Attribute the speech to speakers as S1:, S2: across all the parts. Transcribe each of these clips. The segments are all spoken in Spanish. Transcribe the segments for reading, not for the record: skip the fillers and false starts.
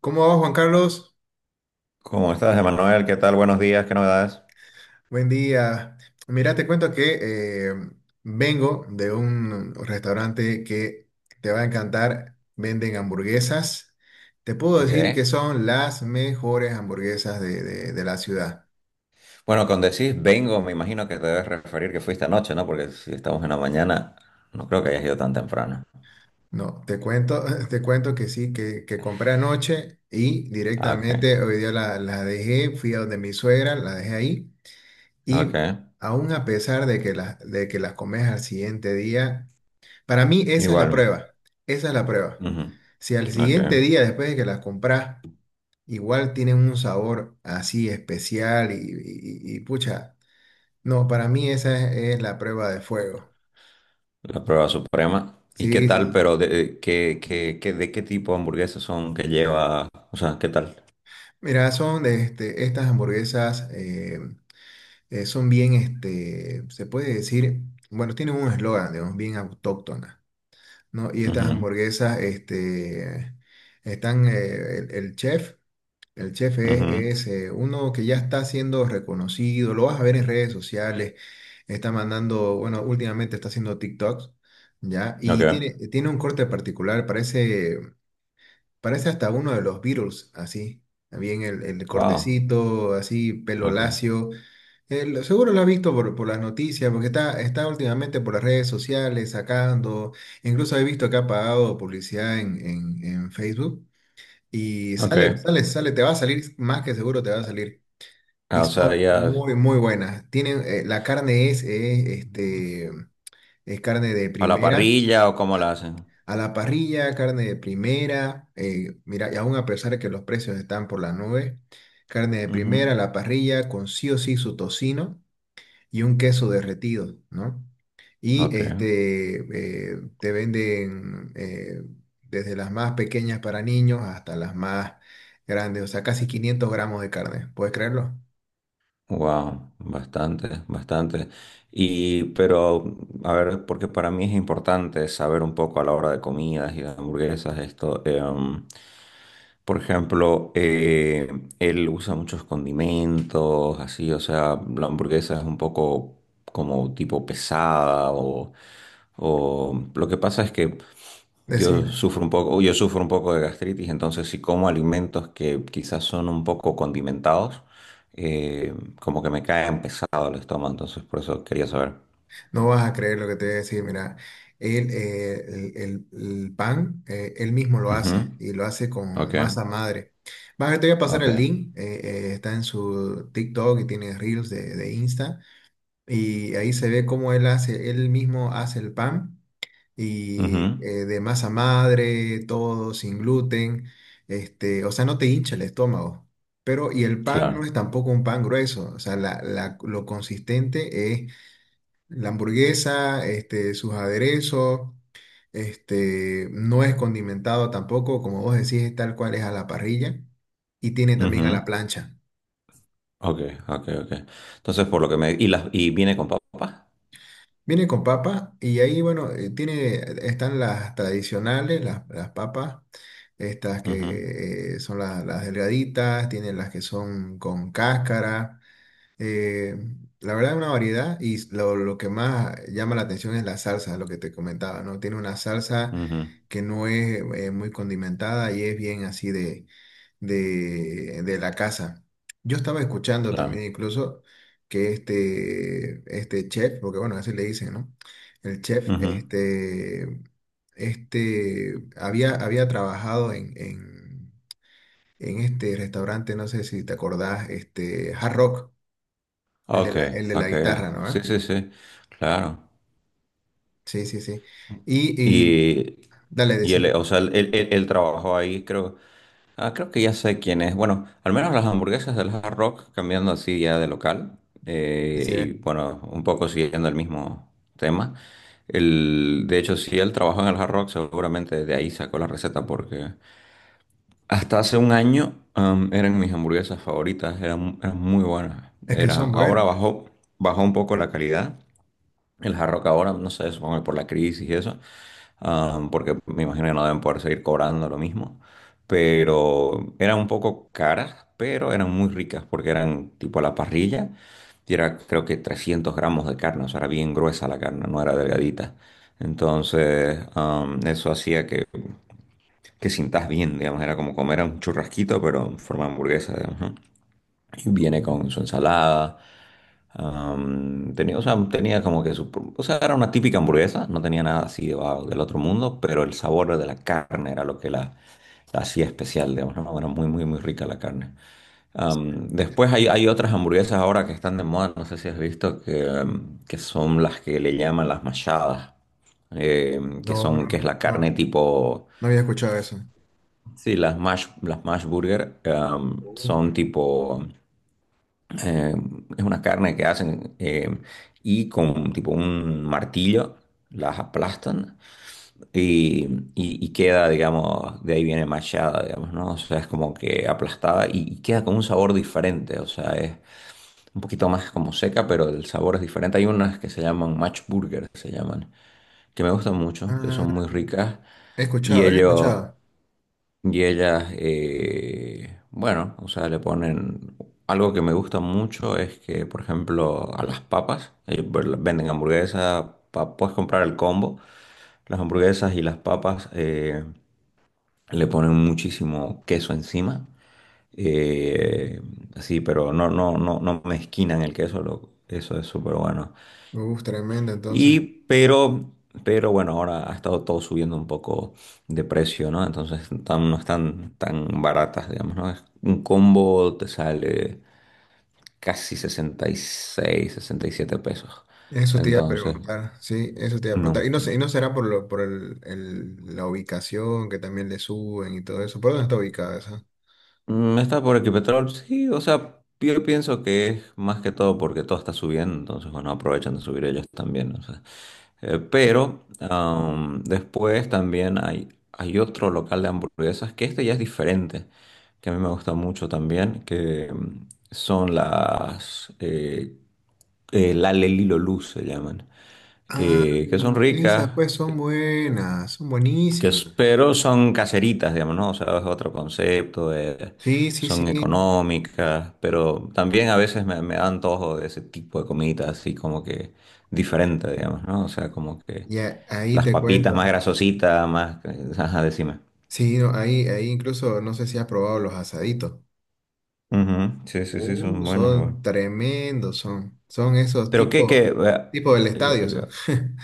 S1: ¿Cómo va Juan Carlos?
S2: ¿Cómo estás, Emanuel? ¿Qué tal? Buenos días, ¿qué novedades?
S1: Buen día. Mira, te cuento que vengo de un restaurante que te va a encantar. Venden hamburguesas. Te puedo
S2: Ok.
S1: decir que son las mejores hamburguesas de la ciudad.
S2: Bueno, cuando decís vengo, me imagino que te debes referir que fuiste anoche, ¿no? Porque si estamos en la mañana, no creo que hayas ido tan temprano.
S1: No, te cuento, te cuento que sí, que compré anoche y
S2: Ah, ok,
S1: directamente hoy día la dejé, fui a donde mi suegra, la dejé ahí
S2: ok.
S1: y aún a pesar de que las comes al siguiente día. Para mí esa es la
S2: Igual.
S1: prueba, esa es la prueba.
S2: Ujú.
S1: Si al
S2: Ok.
S1: siguiente día, después de que las compras, igual tienen un sabor así especial y pucha, no, para mí esa es la prueba de fuego.
S2: La prueba suprema. ¿Y qué
S1: Sí,
S2: tal,
S1: sí.
S2: pero de qué tipo de hamburguesas son que lleva? O sea, ¿qué tal?
S1: Mira, son de estas hamburguesas, son bien, se puede decir, bueno, tienen un eslogan, digamos, bien autóctona, ¿no? Y estas
S2: Ujú.
S1: hamburguesas, están, el chef. El chef
S2: Ujú.
S1: es uno que ya está siendo reconocido, lo vas a ver en redes sociales, está mandando, bueno, últimamente está haciendo TikToks, ¿ya? Y tiene,
S2: Ok.
S1: tiene un corte particular, parece hasta uno de los Beatles, así, bien el
S2: Wow.
S1: cortecito, así, pelo
S2: Ok.
S1: lacio. Seguro lo has visto por las noticias, porque está últimamente por las redes sociales sacando, incluso he visto que ha pagado publicidad en Facebook. Y
S2: Ok.
S1: sale, sale, sale, te va a salir, más que seguro te va a salir. Y
S2: Ah, o sea,
S1: son
S2: ya
S1: muy, muy buenas. Tienen, la carne es carne de
S2: a la
S1: primera,
S2: parrilla o cómo la hacen.
S1: a la parrilla, carne de primera. Mira, y aún a pesar de que los precios están por las nubes, carne de
S2: Ujú.
S1: primera, a la parrilla, con sí o sí su tocino y un queso derretido, ¿no? Y
S2: Ok.
S1: este, eh, te venden desde las más pequeñas para niños hasta las más grandes, o sea, casi 500 g de carne, ¿puedes creerlo?
S2: Wow, bastante, bastante. Pero, a ver, porque para mí es importante saber un poco a la hora de comidas y de hamburguesas esto. Por ejemplo, él usa muchos condimentos, así, o sea, la hamburguesa es un poco como tipo pesada, o lo que pasa es que yo
S1: Decime,
S2: sufro un poco, yo sufro un poco de gastritis, entonces si como alimentos que quizás son un poco condimentados, eh, como que me caen pesado el estómago, entonces por eso quería saber.
S1: no vas a creer lo que te voy a decir, mira, él, el pan, él mismo lo
S2: Ujú.
S1: hace y lo hace con
S2: Ok,
S1: masa madre. Te voy a pasar
S2: ok.
S1: el link, está en su TikTok y tiene Reels de Insta. Y ahí se ve cómo él hace, él mismo hace el pan y
S2: Ujú.
S1: de masa madre, todo sin gluten, o sea, no te hincha el estómago. Pero, y el pan no
S2: Claro.
S1: es tampoco un pan grueso, o sea, lo consistente es la hamburguesa, sus aderezos, no es condimentado tampoco, como vos decís, es tal cual es a la parrilla y tiene también a la
S2: Ujú.
S1: plancha.
S2: Ok, ok, ok. Entonces por lo que me... y viene con papas.
S1: Viene con papa y ahí, bueno, están las tradicionales, las papas, estas
S2: Ujú.
S1: que son las delgaditas, tienen las que son con cáscara. eh, la verdad es una variedad y lo que más llama la atención es la salsa, lo que te comentaba, ¿no? Tiene una salsa
S2: Ujú.
S1: que no es muy condimentada y es bien así de la casa. Yo estaba escuchando también
S2: Claro.
S1: incluso que este chef, porque bueno, así le dicen, ¿no? El chef,
S2: Ujú.
S1: había trabajado en este restaurante, no sé si te acordás, este, Hard Rock,
S2: Ok,
S1: el de la
S2: ok,
S1: guitarra,
S2: ya.
S1: ¿no?
S2: Sí,
S1: ¿Eh?
S2: sí, sí, claro.
S1: Sí, sí, sí. Y, y,
S2: Y,
S1: dale,
S2: y él,
S1: decime,
S2: o sea, él- él- él trabajó ahí, creo. Ah, creo que ya sé quién es. Bueno, al menos las hamburguesas del Hard Rock, cambiando así ya de local, y
S1: decime.
S2: bueno, un poco siguiendo el mismo tema. El, de hecho, si él trabajó en el Hard Rock, seguramente de ahí sacó la receta, porque hasta hace un año eran mis hamburguesas favoritas, eran muy buenas.
S1: Es que son
S2: Ahora
S1: buenos.
S2: bajó, bajó un poco la calidad. El Hard Rock ahora, no sé, supongo que por la crisis y eso, porque me imagino que no deben poder seguir cobrando lo mismo, pero eran un poco caras, pero eran muy ricas porque eran tipo a la parrilla y era creo que 300 gramos de carne, o sea, era bien gruesa la carne, no era delgadita. Entonces, eso hacía que sintas bien, digamos, era como comer un churrasquito, pero en forma de hamburguesa, digamos, ¿no? Y viene
S1: No,
S2: con su ensalada. Tenía, o sea, tenía como que o sea, era una típica hamburguesa, no tenía nada así de wow, del otro mundo, pero el sabor de la carne era lo que la hacía especial, digamos, ¿no? Era muy, muy, muy rica la carne. Después hay otras hamburguesas ahora que están de moda, no sé si has visto, que, que son las que le llaman las machadas, que
S1: no, no,
S2: son, que es la carne
S1: no,
S2: tipo...
S1: no había escuchado eso.
S2: Sí, las mash burger,
S1: Uh.
S2: son tipo... Eh, es una carne que hacen, y con tipo un martillo las aplastan y, y queda, digamos, de ahí viene machada, digamos, ¿no? O sea, es como que aplastada y queda con un sabor diferente, o sea, es un poquito más como seca, pero el sabor es diferente. Hay unas que se llaman match burger, se llaman, que me gustan mucho, que
S1: Ah,
S2: son muy ricas,
S1: he
S2: y
S1: escuchado, he
S2: ellos...
S1: escuchado.
S2: Y ellas, bueno, o sea, le ponen... Algo que me gusta mucho es que, por ejemplo, a las papas, ellos venden hamburguesas, puedes comprar el combo, las hamburguesas y las papas, le ponen muchísimo queso encima. Eh, sí, pero no, no, no, no mezquinan el queso, lo- eso es súper bueno.
S1: Uf, tremendo,
S2: Y,
S1: entonces.
S2: pero, pero bueno, ahora ha estado todo subiendo un poco de precio, ¿no? Entonces no están tan baratas, digamos, ¿no? Un combo te sale casi 60, 66, 67 pesos.
S1: Eso te iba a
S2: Entonces,
S1: preguntar, sí, eso te iba a preguntar.
S2: no.
S1: Y no sé, y no será por lo, por la ubicación que también le suben y todo eso. ¿Por dónde está ubicada esa?
S2: ¿Está por aquí Petrol? Sí, o sea, yo pienso que es más que todo porque todo está subiendo, entonces, bueno, aprovechan de subir ellos también, ¿no? Pero después también hay otro local de hamburguesas que este ya es diferente, que a mí me gusta mucho también, que son las la Lelilo Luz se llaman,
S1: Ah,
S2: que son
S1: esas
S2: ricas,
S1: pues son buenas, son
S2: que,
S1: buenísimas.
S2: pero son caseritas, digamos, ¿no? O sea, es otro concepto.
S1: Sí, sí, sí.
S2: Son económicas, pero también a veces me da antojo de ese tipo de comidas así como que diferente, digamos, ¿no? O sea, como que...
S1: Ahí
S2: Las
S1: te
S2: papitas
S1: cuento.
S2: más grasositas, más... Ajá, decime.
S1: Sí, no, ahí, ahí incluso no sé si has probado los asaditos.
S2: Ujú. Sí, sí, sí, son buenos igual.
S1: Son tremendos, son. Son esos
S2: Pero qué,
S1: tipos,
S2: qué...
S1: tipo
S2: eh,
S1: tipo del
S2: eh,
S1: estadio
S2: eh,
S1: son.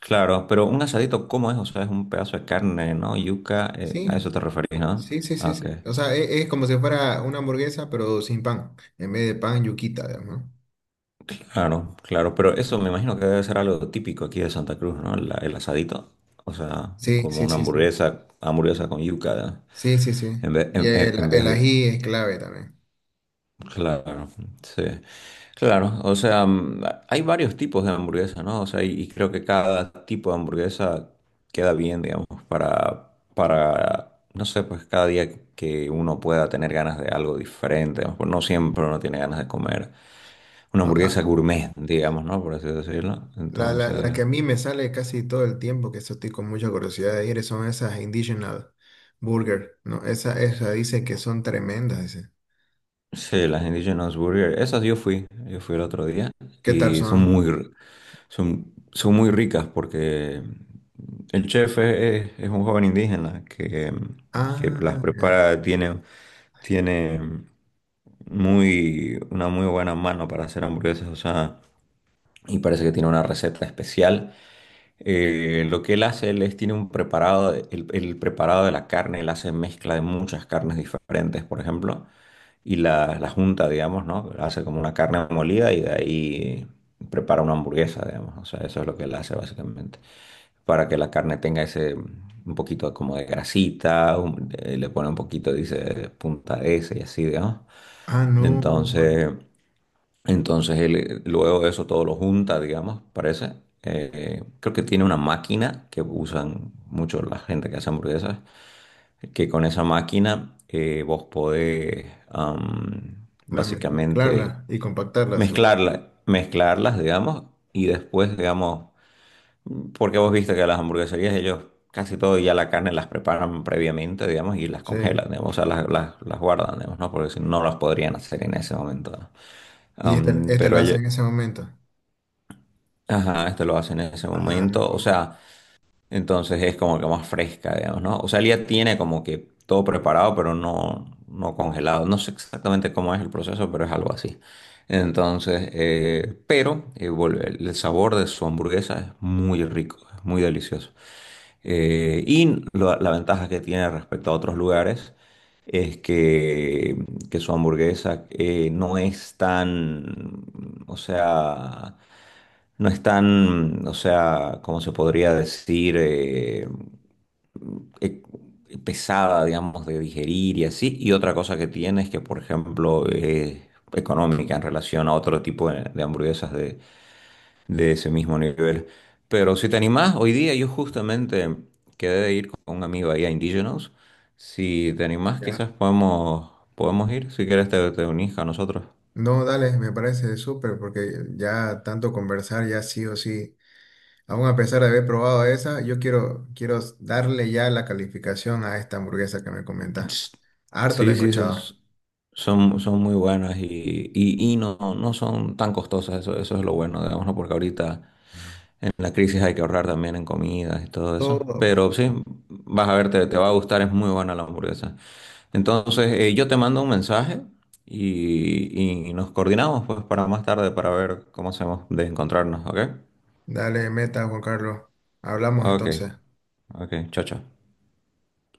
S2: Claro, pero un asadito, ¿cómo es? O sea, es un pedazo de carne, ¿no? Yuca, a
S1: Sí,
S2: eso te referís, ¿no?
S1: sí, sí,
S2: Ah,
S1: sí,
S2: ok,
S1: sí. O sea, es, como si fuera una hamburguesa, pero sin pan. En vez de pan, yuquita, digamos, ¿no?
S2: claro, claro, pero eso me imagino que debe ser algo típico aquí de Santa Cruz, ¿no? El asadito, o sea,
S1: Sí,
S2: como
S1: sí,
S2: una
S1: sí, sí.
S2: hamburguesa, hamburguesa con yuca, ¿no?
S1: Sí, sí, sí.
S2: En vez,
S1: Y
S2: en vez
S1: el
S2: de...
S1: ají es clave también.
S2: Claro, sí. Claro, o sea, hay varios tipos de hamburguesa, ¿no? O sea, y creo que cada tipo de hamburguesa queda bien, digamos, para, no sé, pues cada día que uno pueda tener ganas de algo diferente, digamos, pues no siempre uno tiene ganas de comer una
S1: No,
S2: hamburguesa
S1: ah,
S2: gourmet, digamos, ¿no? Por así decirlo.
S1: la, la,
S2: Entonces,
S1: la que a mí me sale casi todo el tiempo, que eso estoy con mucha curiosidad de ir, son esas Indigenous Burger, ¿no? Esa dice que son tremendas, dice.
S2: sí, las Indigenous Burger, esas yo fui el otro día
S1: ¿Qué tal
S2: y son muy,
S1: son?
S2: son, son muy ricas porque el chef es un joven indígena que las
S1: Ah, ya.
S2: prepara, tiene una muy buena mano para hacer hamburguesas, o sea, y parece que tiene una receta especial. Lo que él hace, tiene un preparado, el preparado de la carne, él hace mezcla de muchas carnes diferentes, por ejemplo, y la junta, digamos, ¿no? Hace como una carne molida y de ahí prepara una hamburguesa, digamos, o sea, eso es lo que él hace básicamente, para que la carne tenga ese, un poquito como de grasita, le pone un poquito, dice, punta de ese y así, digamos.
S1: Ah, no, bueno.
S2: Entonces... Entonces él, luego de eso todo lo junta, digamos, parece. Creo que tiene una máquina que usan mucho la gente que hace hamburguesas, que con esa máquina, vos podés, básicamente
S1: Mezclarla y compactarla, seguro.
S2: mezclarla, mezclarlas, digamos, y después, digamos, porque vos viste que las hamburgueserías ellos casi todo ya la carne las preparan previamente, digamos, y las
S1: Sí.
S2: congelan, digamos, o sea, las guardan, digamos, ¿no? Porque si no no las podrían hacer en ese momento, ¿no?
S1: Y este,
S2: Am,
S1: este lo
S2: pero
S1: hace
S2: ella-
S1: en ese momento.
S2: Ajá, esto lo hacen en ese
S1: Ah,
S2: momento. O
S1: no.
S2: sea, entonces es como que más fresca, digamos, ¿no? O sea, él ya tiene como que todo preparado, pero no, no congelado. No sé exactamente cómo es el proceso, pero es algo así. Entonces, pero vuelve, el sabor de su hamburguesa es muy rico, es muy delicioso. Y la ventaja que tiene respecto a otros lugares es que su hamburguesa, no es tan, o sea, no están, o sea, ¿cómo se podría decir? Eh, pesada, digamos, de digerir y así. Y otra cosa que tiene es que, por ejemplo, es económica en relación a otro tipo de hamburguesas de ese mismo nivel. Pero si te animás, hoy día yo justamente quedé de ir con un amigo ahí a Indigenous. Si te animás,
S1: Ya.
S2: quizás podemos ir. Si quieres, te unís a nosotros.
S1: No, dale, me parece súper porque ya tanto conversar ya sí o sí. Aún a pesar de haber probado esa, yo quiero, quiero darle ya la calificación a esta hamburguesa que me comentas.
S2: Ts-
S1: Harto la he
S2: Sí, sí, son,
S1: escuchado.
S2: son, son muy buenas, y no, no son tan costosas, eso es lo bueno, digamos, ¿no? Porque ahorita en la crisis hay que ahorrar también en comidas y todo eso.
S1: Todo. Pues.
S2: Pero sí, vas a ver, te va a gustar, es muy buena la hamburguesa. Entonces, yo te mando un mensaje y nos coordinamos pues para más tarde para ver cómo hacemos de encontrarnos, ¿ok?
S1: Dale, meta, Juan Carlos. Hablamos
S2: Ok,
S1: entonces.
S2: ok, chao, chao.